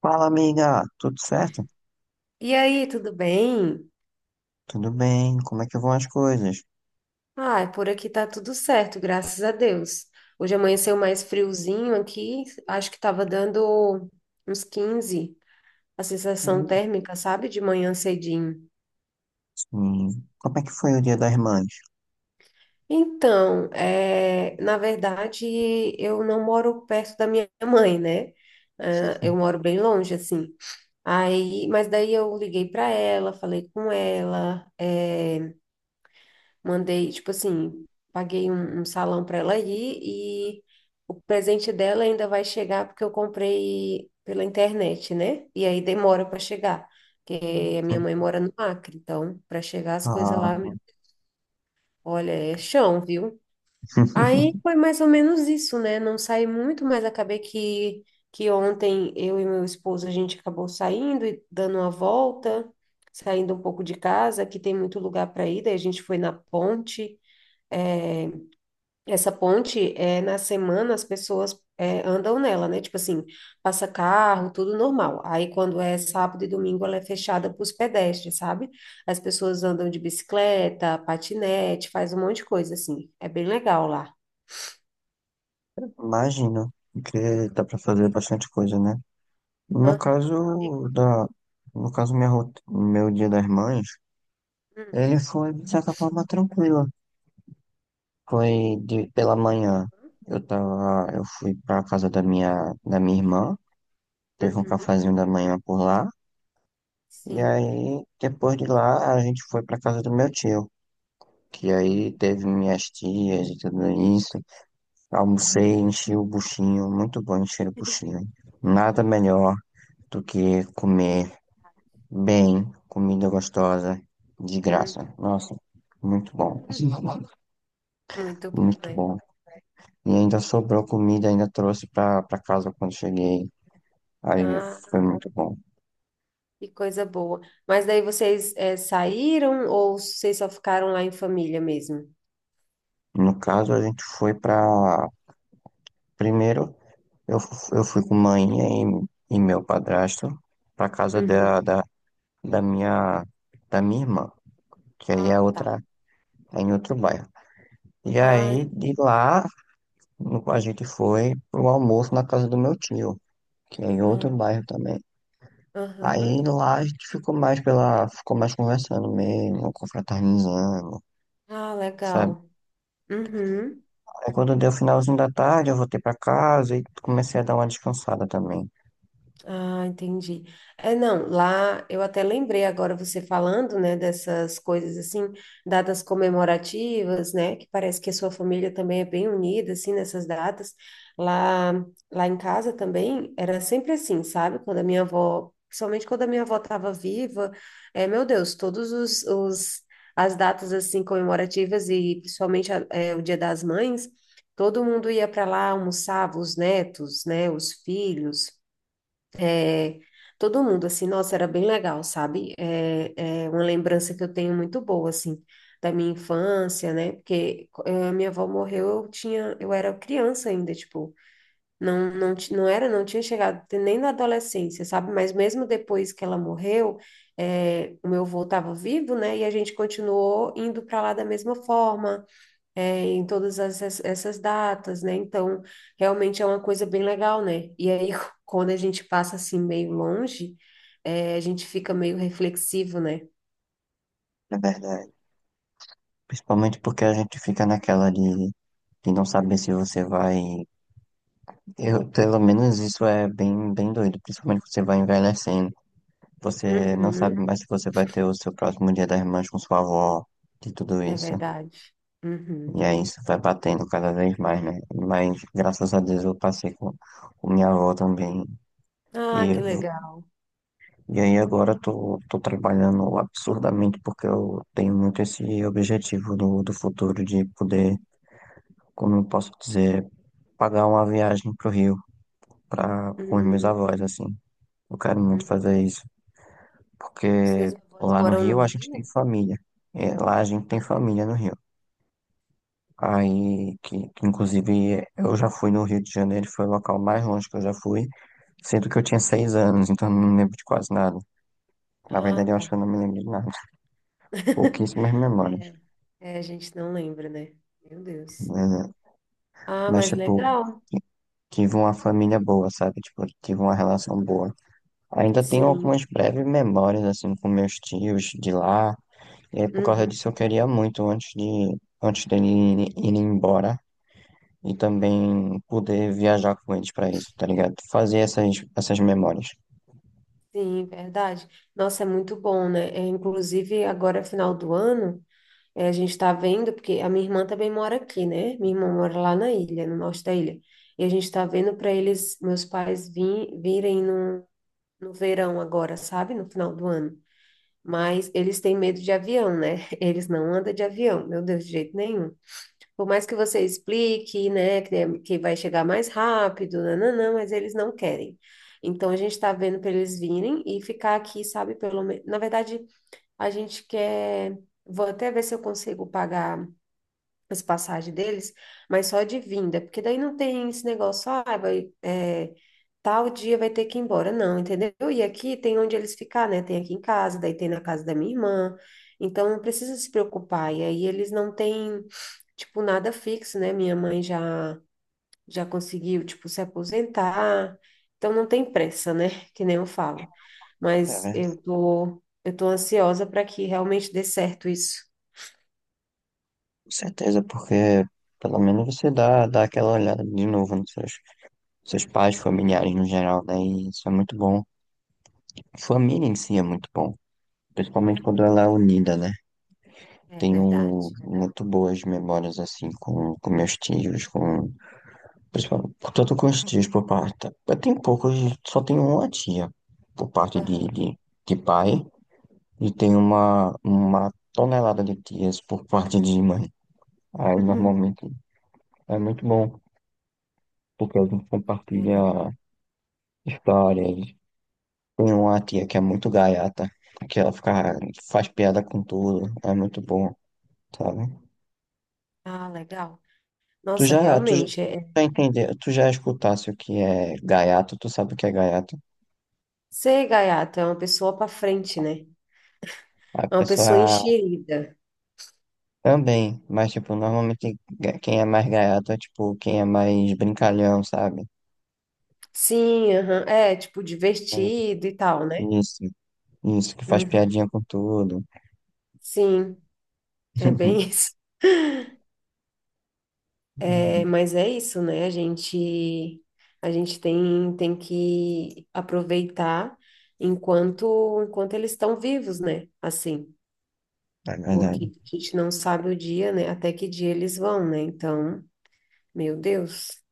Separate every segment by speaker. Speaker 1: Fala, amiga, tudo certo?
Speaker 2: E aí, tudo bem?
Speaker 1: Tudo bem? Como é que vão as coisas?
Speaker 2: Ah, por aqui tá tudo certo, graças a Deus. Hoje amanheceu mais friozinho aqui, acho que tava dando uns 15, a sensação
Speaker 1: Hum,
Speaker 2: térmica, sabe, de manhã cedinho.
Speaker 1: Sim. Como é que foi o Dia das Mães?
Speaker 2: Então, é, na verdade, eu não moro perto da minha mãe, né? Ah, eu moro bem longe, assim. Aí, mas daí eu liguei para ela, falei com ela, mandei, tipo assim, paguei um salão para ela ir, e o presente dela ainda vai chegar porque eu comprei pela internet, né? E aí demora para chegar, porque a minha mãe mora no Acre, então para chegar as coisas
Speaker 1: Ah,
Speaker 2: lá, meu, olha, é chão, viu? Aí foi mais ou menos isso, né? Não saí muito, mas acabei que ontem eu e meu esposo a gente acabou saindo e dando uma volta, saindo um pouco de casa, que tem muito lugar para ir, daí a gente foi na ponte. É, essa ponte, é, na semana, as pessoas é, andam nela, né? Tipo assim, passa carro, tudo normal. Aí, quando é sábado e domingo, ela é fechada para os pedestres, sabe? As pessoas andam de bicicleta, patinete, faz um monte de coisa, assim. É bem legal lá.
Speaker 1: imagino que dá pra fazer bastante coisa, né? No
Speaker 2: Aham. E-
Speaker 1: caso da, no caso meu Dia das Mães,
Speaker 2: hum,
Speaker 1: ele foi de certa forma tranquilo. Foi de pela manhã. Eu fui pra casa da minha irmã, teve um
Speaker 2: uhum,
Speaker 1: cafezinho da manhã por lá. E
Speaker 2: sim.
Speaker 1: aí, depois de lá, a gente foi pra casa do meu tio, que aí teve minhas tias e tudo isso. Almocei, enchi o buchinho, muito bom encher o buchinho. Nada melhor do que comer bem, comida gostosa, de
Speaker 2: Hum.
Speaker 1: graça. Nossa, muito bom.
Speaker 2: Muito bom,
Speaker 1: Muito
Speaker 2: né?
Speaker 1: bom. E ainda sobrou comida, ainda trouxe pra casa quando cheguei. Aí
Speaker 2: Ah,
Speaker 1: foi muito bom.
Speaker 2: que coisa boa. Mas daí vocês, é, saíram ou vocês só ficaram lá em família mesmo?
Speaker 1: No caso, a gente foi pra. Primeiro. Eu fui com mãe e meu padrasto pra casa da minha, da minha irmã, que aí é
Speaker 2: Ah, tá.
Speaker 1: outra, é em outro bairro. E
Speaker 2: Ah,
Speaker 1: aí, de lá, a gente foi pro almoço na casa do meu tio, que é em outro
Speaker 2: ah,
Speaker 1: bairro também. Aí
Speaker 2: aham.
Speaker 1: lá a gente ficou ficou mais conversando mesmo, confraternizando,
Speaker 2: Ah,
Speaker 1: sabe?
Speaker 2: legal. Uhum.
Speaker 1: Aí quando deu o finalzinho da tarde, eu voltei pra casa e comecei a dar uma descansada também.
Speaker 2: Ah, entendi. É, não, lá eu até lembrei agora você falando, né, dessas coisas assim, datas comemorativas, né, que parece que a sua família também é bem unida, assim, nessas datas. Lá, lá em casa também era sempre assim, sabe? Quando a minha avó, principalmente quando a minha avó estava viva, é, meu Deus, todos os as datas assim comemorativas e principalmente é, o Dia das Mães, todo mundo ia para lá, almoçava os netos, né, os filhos. É, todo mundo, assim, nossa, era bem legal, sabe? É, é uma lembrança que eu tenho muito boa, assim, da minha infância, né? Porque minha avó morreu, eu tinha, eu era criança ainda, tipo, não, não, não era, não tinha chegado nem na adolescência, sabe? Mas mesmo depois que ela morreu, o meu avô estava vivo, né? E a gente continuou indo para lá da mesma forma, é, em todas essas datas, né? Então, realmente é uma coisa bem legal, né? E aí, quando a gente passa assim meio longe, é, a gente fica meio reflexivo, né?
Speaker 1: É verdade. Principalmente porque a gente fica de não saber se você vai. Eu, pelo menos isso é bem doido, principalmente que você vai envelhecendo. Você não sabe
Speaker 2: Uhum,
Speaker 1: mais se você vai ter o seu próximo Dia das Mães com sua avó, de tudo
Speaker 2: é
Speaker 1: isso.
Speaker 2: verdade.
Speaker 1: E
Speaker 2: Uhum.
Speaker 1: aí isso vai batendo cada vez mais, né? Mas graças a Deus eu passei com minha avó também.
Speaker 2: Ah,
Speaker 1: E,
Speaker 2: que
Speaker 1: eu-
Speaker 2: legal.
Speaker 1: e aí agora eu tô trabalhando absurdamente porque eu tenho muito esse objetivo do futuro de poder, como eu posso dizer. Pagar uma viagem pro Rio para com os meus
Speaker 2: Uhum,
Speaker 1: avós, assim. Eu quero muito
Speaker 2: uhum.
Speaker 1: fazer isso, porque
Speaker 2: Seus avós
Speaker 1: lá no
Speaker 2: moram no
Speaker 1: Rio a gente tem
Speaker 2: Rio?
Speaker 1: família. É, lá a gente tem família no Rio. Aí, que inclusive eu já fui no Rio de Janeiro, foi o local mais longe que eu já fui, sendo que eu tinha 6 anos, então eu não me lembro de quase nada. Na
Speaker 2: Ah,
Speaker 1: verdade, eu
Speaker 2: tá.
Speaker 1: acho que eu não me lembro de nada. Pouquíssimas memórias,
Speaker 2: É, é, a gente não lembra, né? Meu Deus.
Speaker 1: né?
Speaker 2: Ah,
Speaker 1: Mas,
Speaker 2: mas
Speaker 1: tipo,
Speaker 2: legal.
Speaker 1: tive uma família boa, sabe? Tipo, tive uma relação boa. Ainda tenho
Speaker 2: Sim.
Speaker 1: algumas breves memórias, assim, com meus tios de lá. E aí, por causa
Speaker 2: Uhum.
Speaker 1: disso, eu queria muito, antes dele ir embora, e também poder viajar com eles para isso, tá ligado? Fazer essas memórias.
Speaker 2: Sim, verdade. Nossa, é muito bom, né? É, inclusive, agora, é final do ano, é, a gente está vendo, porque a minha irmã também mora aqui, né? Minha irmã mora lá na ilha, no norte da ilha. E a gente está vendo para eles, meus pais, virem no, no verão agora, sabe? No final do ano. Mas eles têm medo de avião, né? Eles não andam de avião, meu Deus, de jeito nenhum. Por mais que você explique, né, que, é, que vai chegar mais rápido, nananã, mas eles não querem. Então, a gente está vendo para eles virem e ficar aqui, sabe, pelo menos. Na verdade, a gente quer. Vou até ver se eu consigo pagar as passagens deles, mas só de vinda, porque daí não tem esse negócio, ah, vai, é, tal dia vai ter que ir embora, não, entendeu? E aqui tem onde eles ficar, né? Tem aqui em casa, daí tem na casa da minha irmã. Então, não precisa se preocupar. E aí, eles não têm tipo, nada fixo, né? Minha mãe já conseguiu, tipo, se aposentar. Então não tem pressa, né? Que nem eu falo.
Speaker 1: É
Speaker 2: Mas
Speaker 1: verdade.
Speaker 2: eu tô ansiosa para que realmente dê certo isso.
Speaker 1: Com certeza, porque pelo menos você dá aquela olhada de novo nos seus pais, familiares no geral, né? E isso é muito bom. Família em si é muito bom,
Speaker 2: É,
Speaker 1: principalmente quando ela é unida, né?
Speaker 2: é
Speaker 1: Tenho um,
Speaker 2: verdade.
Speaker 1: muito boas memórias assim com meus tios, com, principalmente, tanto com os tios por parte. Eu tenho poucos, só tenho uma tia por parte
Speaker 2: Aham.
Speaker 1: de pai e tenho uma tonelada de tias por parte de mãe. Aí
Speaker 2: Uhum.
Speaker 1: normalmente é muito bom, porque a gente
Speaker 2: É, não.
Speaker 1: compartilha histórias. Tem uma tia que é muito gaiata, que ela fica, faz piada com tudo, é muito bom, sabe?
Speaker 2: Ah, legal.
Speaker 1: Tu
Speaker 2: Nossa,
Speaker 1: já, tu já,
Speaker 2: realmente
Speaker 1: já entende, tu já escutasse o que é gaiato, tu sabe o que é gaiato?
Speaker 2: ser gaiato é uma pessoa para frente, né?
Speaker 1: A
Speaker 2: É uma pessoa
Speaker 1: pessoa
Speaker 2: enxerida.
Speaker 1: também, mas tipo, normalmente quem é mais gaiato é tipo quem é mais brincalhão, sabe?
Speaker 2: Sim, aham. É, tipo divertido e tal, né?
Speaker 1: Isso, isso, que faz piadinha
Speaker 2: Uhum.
Speaker 1: com tudo.
Speaker 2: Sim, é bem isso. É, mas é isso, né? A gente tem, tem que aproveitar enquanto, enquanto eles estão vivos, né? Assim,
Speaker 1: É
Speaker 2: porque
Speaker 1: verdade.
Speaker 2: a gente não sabe o dia, né? Até que dia eles vão, né? Então, meu Deus.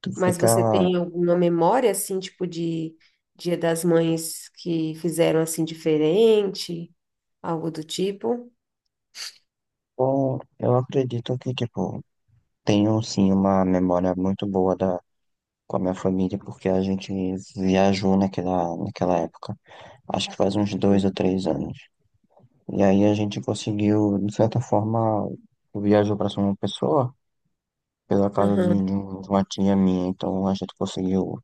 Speaker 1: Tu
Speaker 2: Mas
Speaker 1: fica.
Speaker 2: você tem alguma memória, assim, tipo de Dia das Mães que fizeram assim diferente, algo do tipo?
Speaker 1: Bom, eu acredito que, tipo, tenho sim uma memória muito boa da, com a minha família, porque a gente viajou naquela época. Acho que faz uns dois
Speaker 2: Hum,
Speaker 1: ou três anos. E aí a gente conseguiu, de certa forma, viajou para São Pessoa, pela casa
Speaker 2: Aham.
Speaker 1: de uma tia minha. Então a gente conseguiu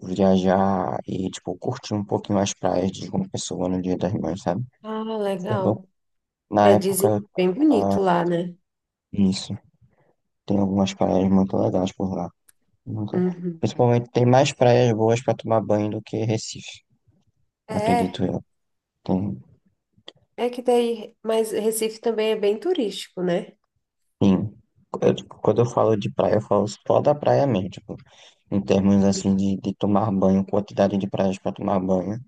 Speaker 1: viajar e, tipo, curtir um pouquinho as praias de João Pessoa no Dia das Mães, sabe?
Speaker 2: Ah,
Speaker 1: Foi bom.
Speaker 2: legal.
Speaker 1: Na
Speaker 2: É, dizem que
Speaker 1: época,
Speaker 2: é bem
Speaker 1: ah,
Speaker 2: bonito lá, né?
Speaker 1: isso. Tem algumas praias muito legais por lá. Muito-
Speaker 2: Uhum.
Speaker 1: principalmente tem mais praias boas para tomar banho do que Recife,
Speaker 2: É.
Speaker 1: acredito eu. Tem,
Speaker 2: É que daí, mas Recife também é bem turístico, né?
Speaker 1: sim, eu, tipo, quando eu falo de praia, eu falo só da praia mesmo, tipo, em termos assim de tomar banho, quantidade de praias para tomar banho,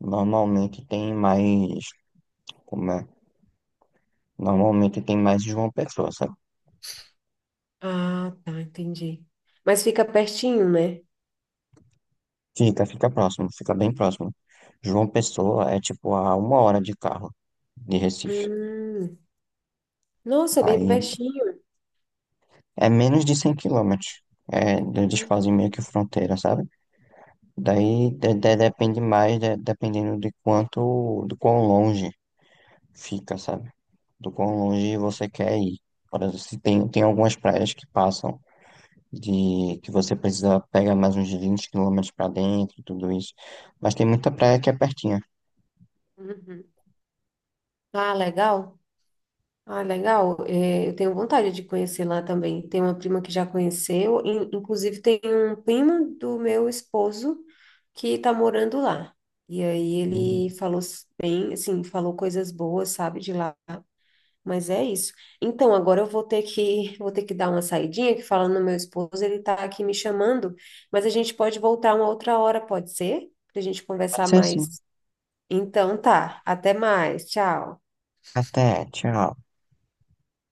Speaker 1: normalmente tem mais, como é? Normalmente tem mais João Pessoa, sabe?
Speaker 2: Ah, tá, entendi. Mas fica pertinho, né?
Speaker 1: Fica próximo, fica bem próximo. João Pessoa é tipo a 1 hora de carro de Recife.
Speaker 2: Hum, nossa, é bem
Speaker 1: Aí
Speaker 2: pertinho.
Speaker 1: é menos de 100 km. É, eles fazem meio que fronteira, sabe?
Speaker 2: Uhum.
Speaker 1: Depende mais, dependendo de quanto, de quão longe fica, sabe? Do quão longe você quer ir. Por exemplo, se tem, tem algumas praias que passam de que você precisa pegar mais uns 20 km para dentro, tudo isso. Mas tem muita praia que é pertinha.
Speaker 2: Uhum. Ah, legal. Ah, legal. É, eu tenho vontade de conhecer lá também. Tem uma prima que já conheceu. Inclusive, tem um primo do meu esposo que tá morando lá. E aí
Speaker 1: Uhum.
Speaker 2: ele falou bem, assim, falou coisas boas, sabe, de lá. Mas é isso. Então, agora eu vou ter que dar uma saidinha, que falando no meu esposo, ele tá aqui me chamando, mas a gente pode voltar uma outra hora, pode ser? Pra gente
Speaker 1: Pode
Speaker 2: conversar
Speaker 1: ser sim.
Speaker 2: mais. Então tá, até mais. Tchau.
Speaker 1: Até, tchau.